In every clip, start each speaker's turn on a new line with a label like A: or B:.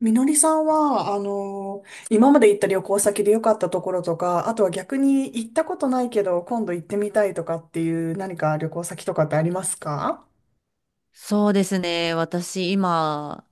A: みのりさんは、今まで行った旅行先で良かったところとか、あとは逆に行ったことないけど、今度行ってみたいとかっていう何か旅行先とかってありますか？
B: そうですね。私今、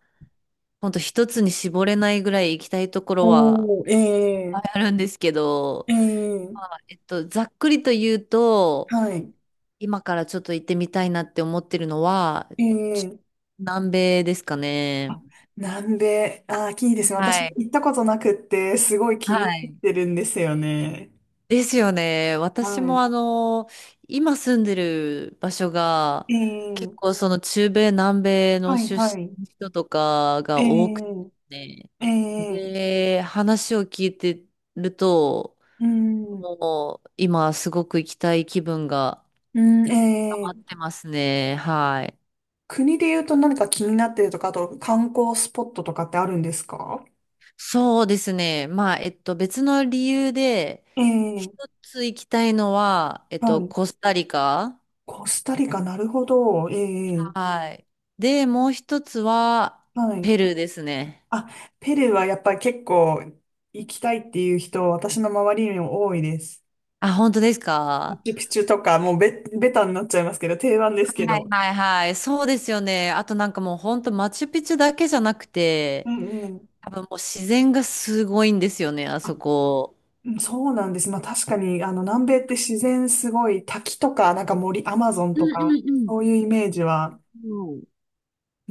B: ほんと一つに絞れないぐらい行きたいところは
A: おー、
B: いっぱい
A: ええ。
B: あるんですけど、
A: ええ。
B: まあざっくりと言うと、
A: はい、
B: 今からちょっと行ってみたいなって思ってるのは、ちょ
A: ええ。
B: 南米ですかね。
A: なんで、あー、いいですね。私
B: はい。
A: 行ったことなくって、すごい気
B: は
A: になっ
B: い。
A: てるんですよね。
B: ですよね。
A: は
B: 私も今住んでる場所が、
A: い、
B: 結
A: え
B: 構
A: え。
B: その中米、南米の
A: はい、
B: 出
A: はい、
B: 身の人とかが多くて
A: え
B: ね、
A: え。ええ。
B: で、話を聞いてると、
A: うん、
B: もう今すごく行きたい気分が
A: う
B: 溜
A: ん、
B: まっ
A: ええ。
B: てますね。はい。
A: 国で言うと何か気になってるとか、あと観光スポットとかってあるんですか？
B: そうですね。まあ、別の理由で、
A: え
B: 一
A: え。
B: つ行きたいのは、
A: はい。
B: コスタリカ。
A: コスタリカ、なるほど。ええ。
B: はい。で、もう一つは、
A: はい。
B: ペルーですね。
A: あ、ペルーはやっぱり結構行きたいっていう人、私の周りにも多いです。
B: あ、本当です
A: マ
B: か？
A: チュピチュとか、もうベ、ベタになっちゃいますけど、定番ですけ
B: はい
A: ど。
B: はいはい。そうですよね。あとなんかもう本当マチュピチュだけじゃなく
A: う
B: て、
A: んうん。
B: 多分もう自然がすごいんですよね、あそ
A: あ、
B: こ。
A: うんそうなんです。まあ確かに、南米って自然すごい、滝とか、なんか森、アマゾン
B: う
A: とか、
B: んうん
A: そういうイメージは。
B: うん。うん。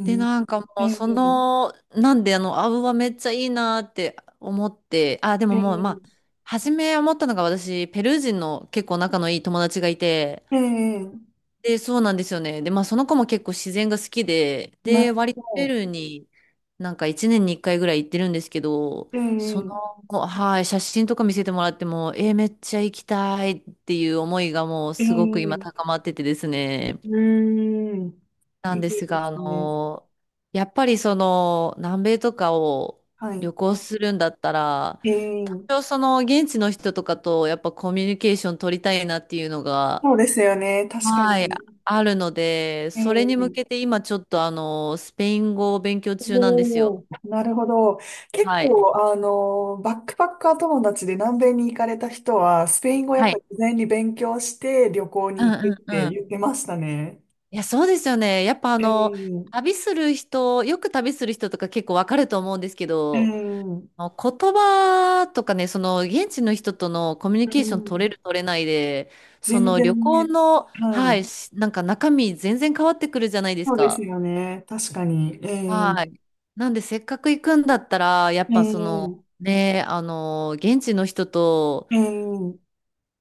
B: で、
A: う
B: なんか
A: ん。
B: もうそ
A: ええ。
B: の、なんでアブはめっちゃいいなって思って、あ、でももうま
A: え
B: あ、初め思ったのが私、ペルー人の結構仲のいい友達がいて、
A: え。ええ。
B: で、そうなんですよね。で、まあその子も結構自然が好きで、
A: なる
B: で、割
A: ほ
B: とペル
A: ど。
B: ーになんか1年に1回ぐらい行ってるんですけど、
A: え
B: その、
A: え、
B: はい、写真とか見せてもらっても、えーめっちゃ行きたいっていう思いがもう
A: ええ、
B: すごく今
A: う
B: 高まっててですね。
A: ーん。
B: な
A: い
B: ん
A: い
B: です
A: で
B: が、
A: すね。
B: やっぱりその南米とかを
A: はい。
B: 旅行するんだったら、
A: え
B: 多
A: え、
B: 少その現地の人とかとやっぱコミュニケーション取りたいなっていうのが、
A: そうですよね。確か
B: はい、
A: に。
B: あるので、
A: え
B: それ
A: え、
B: に向けて今ちょっとスペイン語を勉強中なんですよ。
A: おお、なるほど。結
B: はい。
A: 構、バックパッカー友達で南米に行かれた人は、スペイン語やっ
B: は
A: ぱ
B: い。
A: り事前に勉強して旅行
B: う
A: に
B: ん
A: 行く
B: う
A: っ
B: ん
A: て
B: うん。
A: 言ってましたね。
B: いや、そうですよね。やっぱ
A: ええ、
B: 旅する人、よく旅する人とか結構わかると思うんですけ
A: ええ、
B: ど、
A: う
B: あの言葉とかね、その現地の人とのコミュニケーション取れ
A: ん。
B: る取れないで、そ
A: 全
B: の旅
A: 然
B: 行
A: ね。
B: の、
A: は
B: は
A: い。
B: い、なんか中身全然変わってくるじゃないです
A: そうです
B: か。
A: よね。確かに。ええ、
B: はい。なんで、せっかく行くんだったら、やっ
A: え
B: ぱその、
A: え。
B: ね、現地の人と、
A: ええ、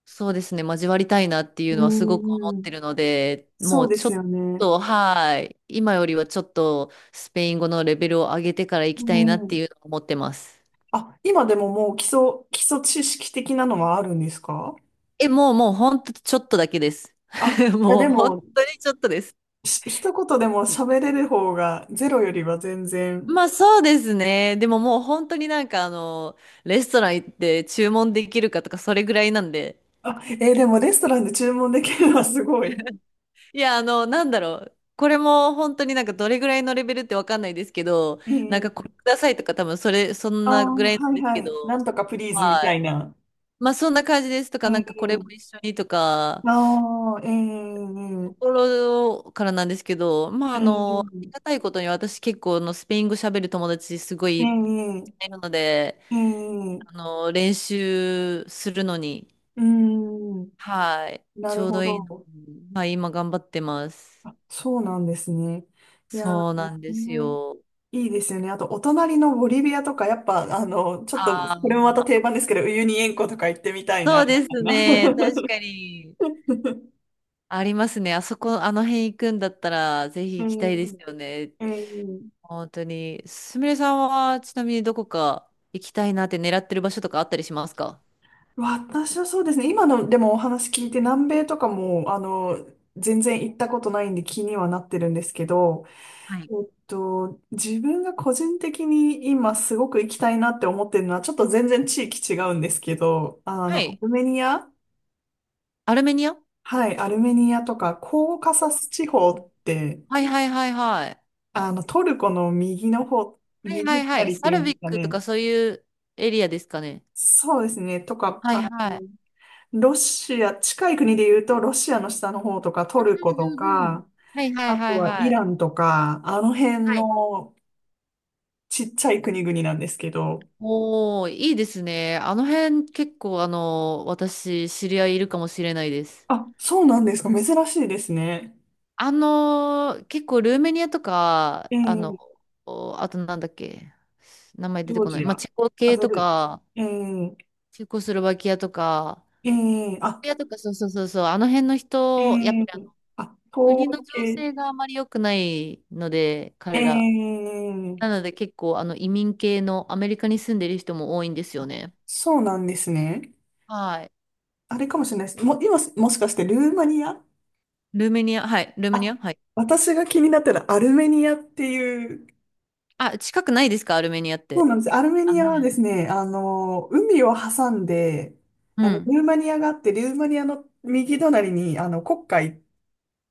B: そうですね、交わりたいなってい
A: う
B: うのはすごく思っ
A: ーん、
B: てるので、も
A: そう
B: う
A: で
B: ちょ
A: す
B: っ
A: よね。
B: と、はい。今よりはちょっと、スペイン語のレベルを上げてから行
A: う
B: きたいなって
A: ん。
B: いうのを思ってます。
A: あ、今でももう基礎、基礎知識的なのはあるんですか？
B: え、もう、もう、ほんとちょっとだけです。
A: あ、いや
B: も
A: で
B: う、本
A: も、
B: 当にちょっとです。
A: し一言でも喋れる方がゼロよりは全然。
B: まあそうですね。でももう本当になんかレストラン行って注文できるかとかそれぐらいなんで。
A: あ、えーでもレストランで注文できるのはすごい。
B: いや、なんだろう。これも本当になんかどれぐらいのレベルってわかんないですけど、
A: う
B: なんかこれ
A: ん。
B: くださいとか多分そん
A: ああ、
B: なぐらいな
A: は
B: ん
A: い
B: です
A: は
B: け
A: い。な
B: ど、
A: んとかプリーズみ
B: は
A: た
B: い。
A: いな。
B: まあそんな感じですと
A: う
B: か、なんかこれも
A: ん。
B: 一緒にとか、
A: ああ、ええ、うんう
B: と
A: ん。
B: ころからなんですけど、まあ
A: う
B: あり
A: ん。
B: がたいことに私結構あのスペイン語喋る友達すごい
A: ええ。
B: いるので、
A: ええ。
B: 練習するのに、
A: うんうん。
B: はい。
A: な
B: ち
A: る
B: ょう
A: ほ
B: どいいの
A: ど。
B: に、まあ今頑張ってます。
A: そうなんですね。いや
B: そう
A: ー、
B: なんです
A: ね、
B: よ。
A: いいですよね。あと、お隣のボリビアとか、やっぱ、ちょっと、
B: あ
A: これもまた
B: あ。
A: 定番ですけど、ウユニ塩湖とか行ってみたいな。
B: そうです
A: みたい
B: ね。
A: な。
B: 確かに。ありますね。あそこ、あの辺行くんだったら、ぜひ
A: う
B: 行きたいです
A: ん、
B: よね。
A: うん。
B: 本当に。すみれさんは、ちなみにどこか行きたいなって狙ってる場所とかあったりしますか？
A: 私はそうですね。今の、でもお話聞いて、南米とかも、全然行ったことないんで気にはなってるんですけど、
B: はい。
A: 自分が個人的に今すごく行きたいなって思ってるのは、ちょっと全然地域違うんですけど、
B: は
A: ア
B: い。
A: ルメニア。
B: アルメニア。
A: はい、アルメニアとか、コーカサス地方って、
B: はいはいはいはい。
A: トルコの右の方、
B: はいは
A: 右
B: いはい。
A: 隣って
B: サ
A: いう
B: ル
A: んで
B: ビ
A: す
B: ッ
A: か
B: クと
A: ね。
B: かそういうエリアですかね。
A: そうですね。とか、
B: はいはい。
A: ロシア、近い国で言うと、ロシアの下の方とか、
B: う
A: トルコと
B: んうんうん。
A: か、
B: はいはい
A: あ
B: は
A: と
B: い
A: は
B: は
A: イ
B: い。
A: ランとか、あの辺
B: はい。
A: のちっちゃい国々なんですけど、
B: おー、いいですね。あの辺結構私知り合いいるかもしれないです。
A: あ、そうなんですか。珍しいですね。
B: あのー結構ルーメニアとか、
A: えー、
B: お、あとなんだっけ、名前
A: ジ
B: 出て
A: ョー
B: こない。
A: ジ
B: まあ、
A: ア、
B: チェコ
A: ア
B: 系
A: ゼ
B: と
A: ル、
B: か、
A: えー、
B: チェコスロバキアとか、
A: えー、あ、
B: バキとか、そうそうそうそう、あの辺の
A: え
B: 人、やっぱり
A: ー、あ、東
B: 国の
A: 欧
B: 情
A: 系。
B: 勢があまり良くないので、
A: え
B: 彼ら。
A: え。
B: なので結構、移民系のアメリカに住んでる人も多いんですよね。
A: そうなんですね。
B: はい。
A: あれかもしれないです。も、今、もしかしてルーマニア。
B: ルーメニア、はい、ルーメ
A: あ、
B: ニア、はい。
A: 私が気になったらアルメニアっていう、
B: あ、近くないですか、ルーメニアっ
A: そう
B: て。
A: なんです。アルメ
B: あ
A: ニ
B: の
A: アはで
B: 辺。
A: すね、海を挟んで、
B: うん。
A: ルーマニアがあって、ルーマニアの右隣に、黒海っ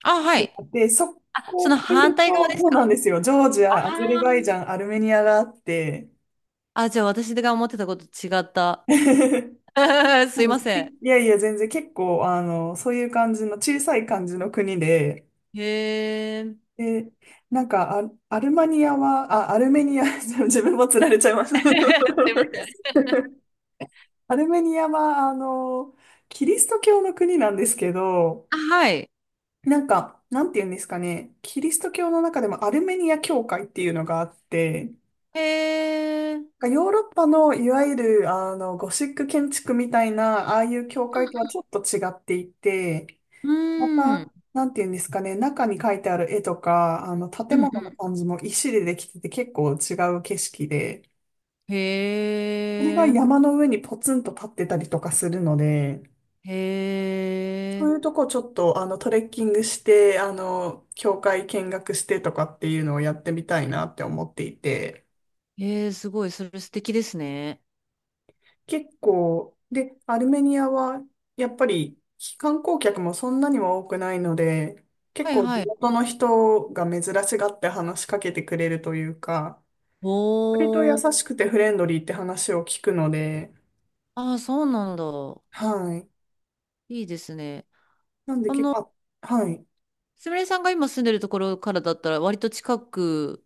B: あ、は
A: てあ
B: い。
A: って、そ
B: あ、
A: こ
B: そ
A: を
B: の
A: 越え
B: 反
A: る
B: 対側
A: と、
B: です
A: そう
B: か？
A: なんですよ。ジョージ
B: あ
A: ア、アゼルバイジャン、アルメニアがあって、
B: あ、じゃあ私が思ってたこと違った。すいません。
A: いやいや、全然結構、そういう感じの小さい感じの国で、
B: へえ。
A: で、なんかア、アルマニアは、あ、アルメニア、自分もつられちゃいました。
B: すいません。
A: アルメニアは、キリスト教の国なんですけど、
B: あ、はい。
A: なんか、なんて言うんですかね、キリスト教の中でもアルメニア教会っていうのがあって、
B: へえ。う
A: なんかヨーロッパのいわゆる、ゴシック建築みたいな、ああいう教会とはちょっと違っていて、
B: ー
A: ま
B: ん。
A: た、なんていうんですかね、中に描いてある絵とか、
B: う
A: 建
B: んう
A: 物の
B: ん。
A: 感じも石でできてて結構違う景色で、
B: へ
A: それが
B: え。
A: 山の上にポツンと立ってたりとかするので、
B: へ
A: そう
B: え。
A: いうとこちょっと、トレッキングして、教会見学してとかっていうのをやってみたいなって思っていて、
B: へえ、すごい。それ素敵ですね。
A: 結構、で、アルメニアは、やっぱり、観光客もそんなにも多くないので、結
B: はい
A: 構地
B: はい。
A: 元の人が珍しがって話しかけてくれるというか、割と優
B: おー。
A: しくてフレンドリーって話を聞くので、
B: ああ、そうなんだ。
A: はい。
B: いいですね。
A: なんで
B: あ
A: 結
B: の、
A: 構、あはい。
B: すみれさんが今住んでるところからだったら割と近く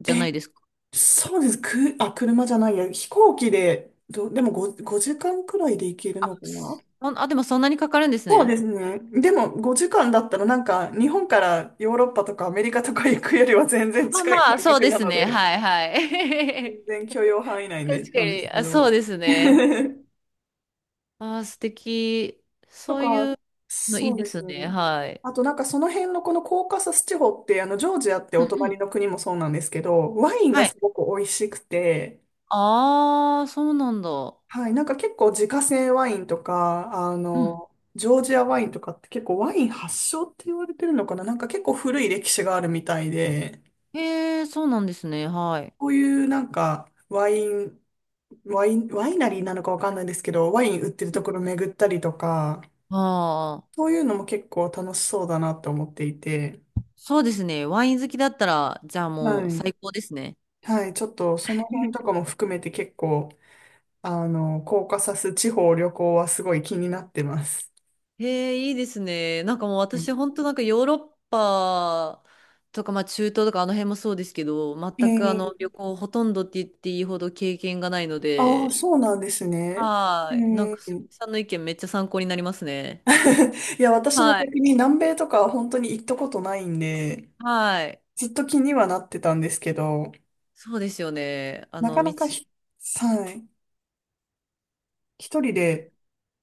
B: じゃ
A: え、
B: ないですか。
A: そうです。く、あ、車じゃないや。飛行機で、ど、でも5、5時間くらいで行ける
B: あ、
A: のかな？
B: あでもそんなにかかるんです
A: そう
B: ね。
A: ですね。でも5時間だったらなんか日本からヨーロッパとかアメリカとか行くよりは全然
B: まあ
A: 近い
B: まあ、
A: 感
B: そう
A: 覚
B: で
A: な
B: す
A: の
B: ね。
A: で、
B: はいはい。
A: 全然許容範囲 内で
B: 確か
A: なんです
B: に、
A: け
B: あ、そう
A: ど。
B: ですね。あー、素敵。
A: と
B: そうい
A: か、
B: うのい
A: そ
B: い
A: う
B: で
A: です
B: すね。
A: ね。
B: はい。
A: あとなんかその辺のこのコーカサス地方って、ジョージアって
B: う
A: お
B: んうん。
A: 隣の国もそうなんですけど、ワインが
B: はい。
A: すごく美味しくて、
B: ああ、そうなんだ。
A: はい、なんか結構自家製ワインとか、
B: うん。
A: ジョージアワインとかって結構ワイン発祥って言われてるのかな、なんか結構古い歴史があるみたいで、
B: へえ、そうなんですね。はい。
A: こういうなんかワイン、ワイナリーなのかわかんないんですけど、ワイン売ってるところ巡ったりとか、
B: ああ、
A: そういうのも結構楽しそうだなと思っていて、
B: そうですね。ワイン好きだったら、じゃあ
A: は
B: もう
A: い。
B: 最高ですね。
A: はい、ちょっとその辺とかも含めて結構、コーカサス地方旅行はすごい気になってます。
B: へえ、いいですね。なんかもう私、本当なんかヨーロッパとか、まあ中東とかあの辺もそうですけど、全くあの
A: ええ。
B: 旅行ほとんどって言っていいほど経験がないの
A: ああー、
B: で、
A: そうなんですね。え
B: はい。なん
A: え。
B: か、すみさんの意見めっちゃ参考になりますね。
A: いや、私も
B: は
A: 逆
B: い。
A: に南米とかは本当に行ったことないんで、
B: はい。
A: ずっと気にはなってたんですけど、
B: そうですよね。あ
A: なか
B: の、
A: な
B: 道。
A: かひ、はい、一人で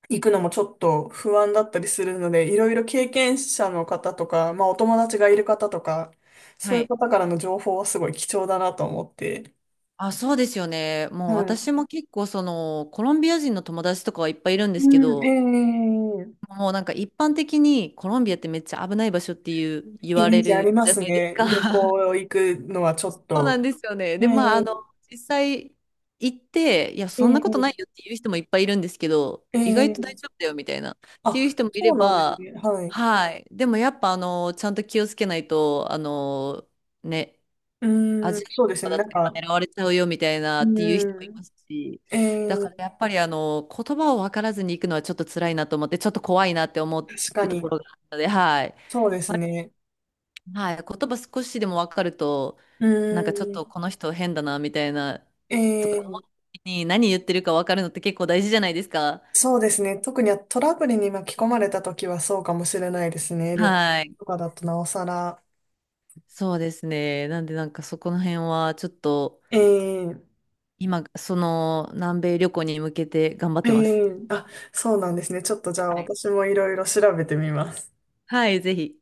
A: 行くのもちょっと不安だったりするので、いろいろ経験者の方とか、まあお友達がいる方とか、そ
B: は
A: ういう
B: い。
A: 方からの情報はすごい貴重だなと思って。
B: あ、そうですよね。もう
A: はい。
B: 私も結構その、コロンビア人の友達とかはいっぱいいるんですけ
A: う
B: ど、
A: ん、ええ。
B: もうなんか一般的にコロンビアってめっちゃ危ない場所っていう言
A: イ
B: わ
A: メー
B: れ
A: ジあ
B: る
A: りま
B: じゃ
A: す
B: ないです
A: ね。
B: か。
A: 旅行行くのはちょ
B: そ
A: っ
B: うな
A: と。
B: んですよね。
A: え
B: で、まあ、
A: え。
B: 実際行って、いや、そんなことないよ
A: え
B: っていう人もいっぱいいるんですけど、
A: え。
B: 意外と大
A: ええ。
B: 丈夫だよみたいな、っていう
A: あ、
B: 人もい
A: そ
B: れ
A: うなんです
B: ば、
A: ね。はい。
B: はい。でもやっぱ、ちゃんと気をつけないと、ね、
A: う
B: アジ
A: ん、
B: ア人
A: そうで
B: と
A: す
B: か
A: ね。
B: だ
A: な
B: と
A: ん
B: やっぱ
A: か、
B: 狙われちゃうよみたいなっていう人もい
A: う
B: ますし、
A: ん、え
B: だから
A: え、
B: やっぱり、言葉を分からずに行くのはちょっと辛いなと思って、ちょっと怖いなって思
A: 確か
B: うとこ
A: に。
B: ろがあったので、はい。
A: そうですね。
B: はい、言葉少しでも分かると、
A: う
B: なんかちょっ
A: ん、
B: とこの人変だなみたいなとか思
A: え
B: った
A: え、
B: 時に何言ってるか分かるのって結構大事じゃないですか。
A: そうですね。特にトラブルに巻き込まれた時はそうかもしれないですね。旅行
B: はい。
A: とかだとなおさら。
B: そうですね。なんでなんかそこの辺はちょっと
A: ええ。
B: 今、その南米旅行に向けて頑張っ
A: え
B: てます。
A: え。あ、そうなんですね。ちょっとじゃあ
B: はい。
A: 私もいろいろ調べてみます。
B: はい、ぜひ。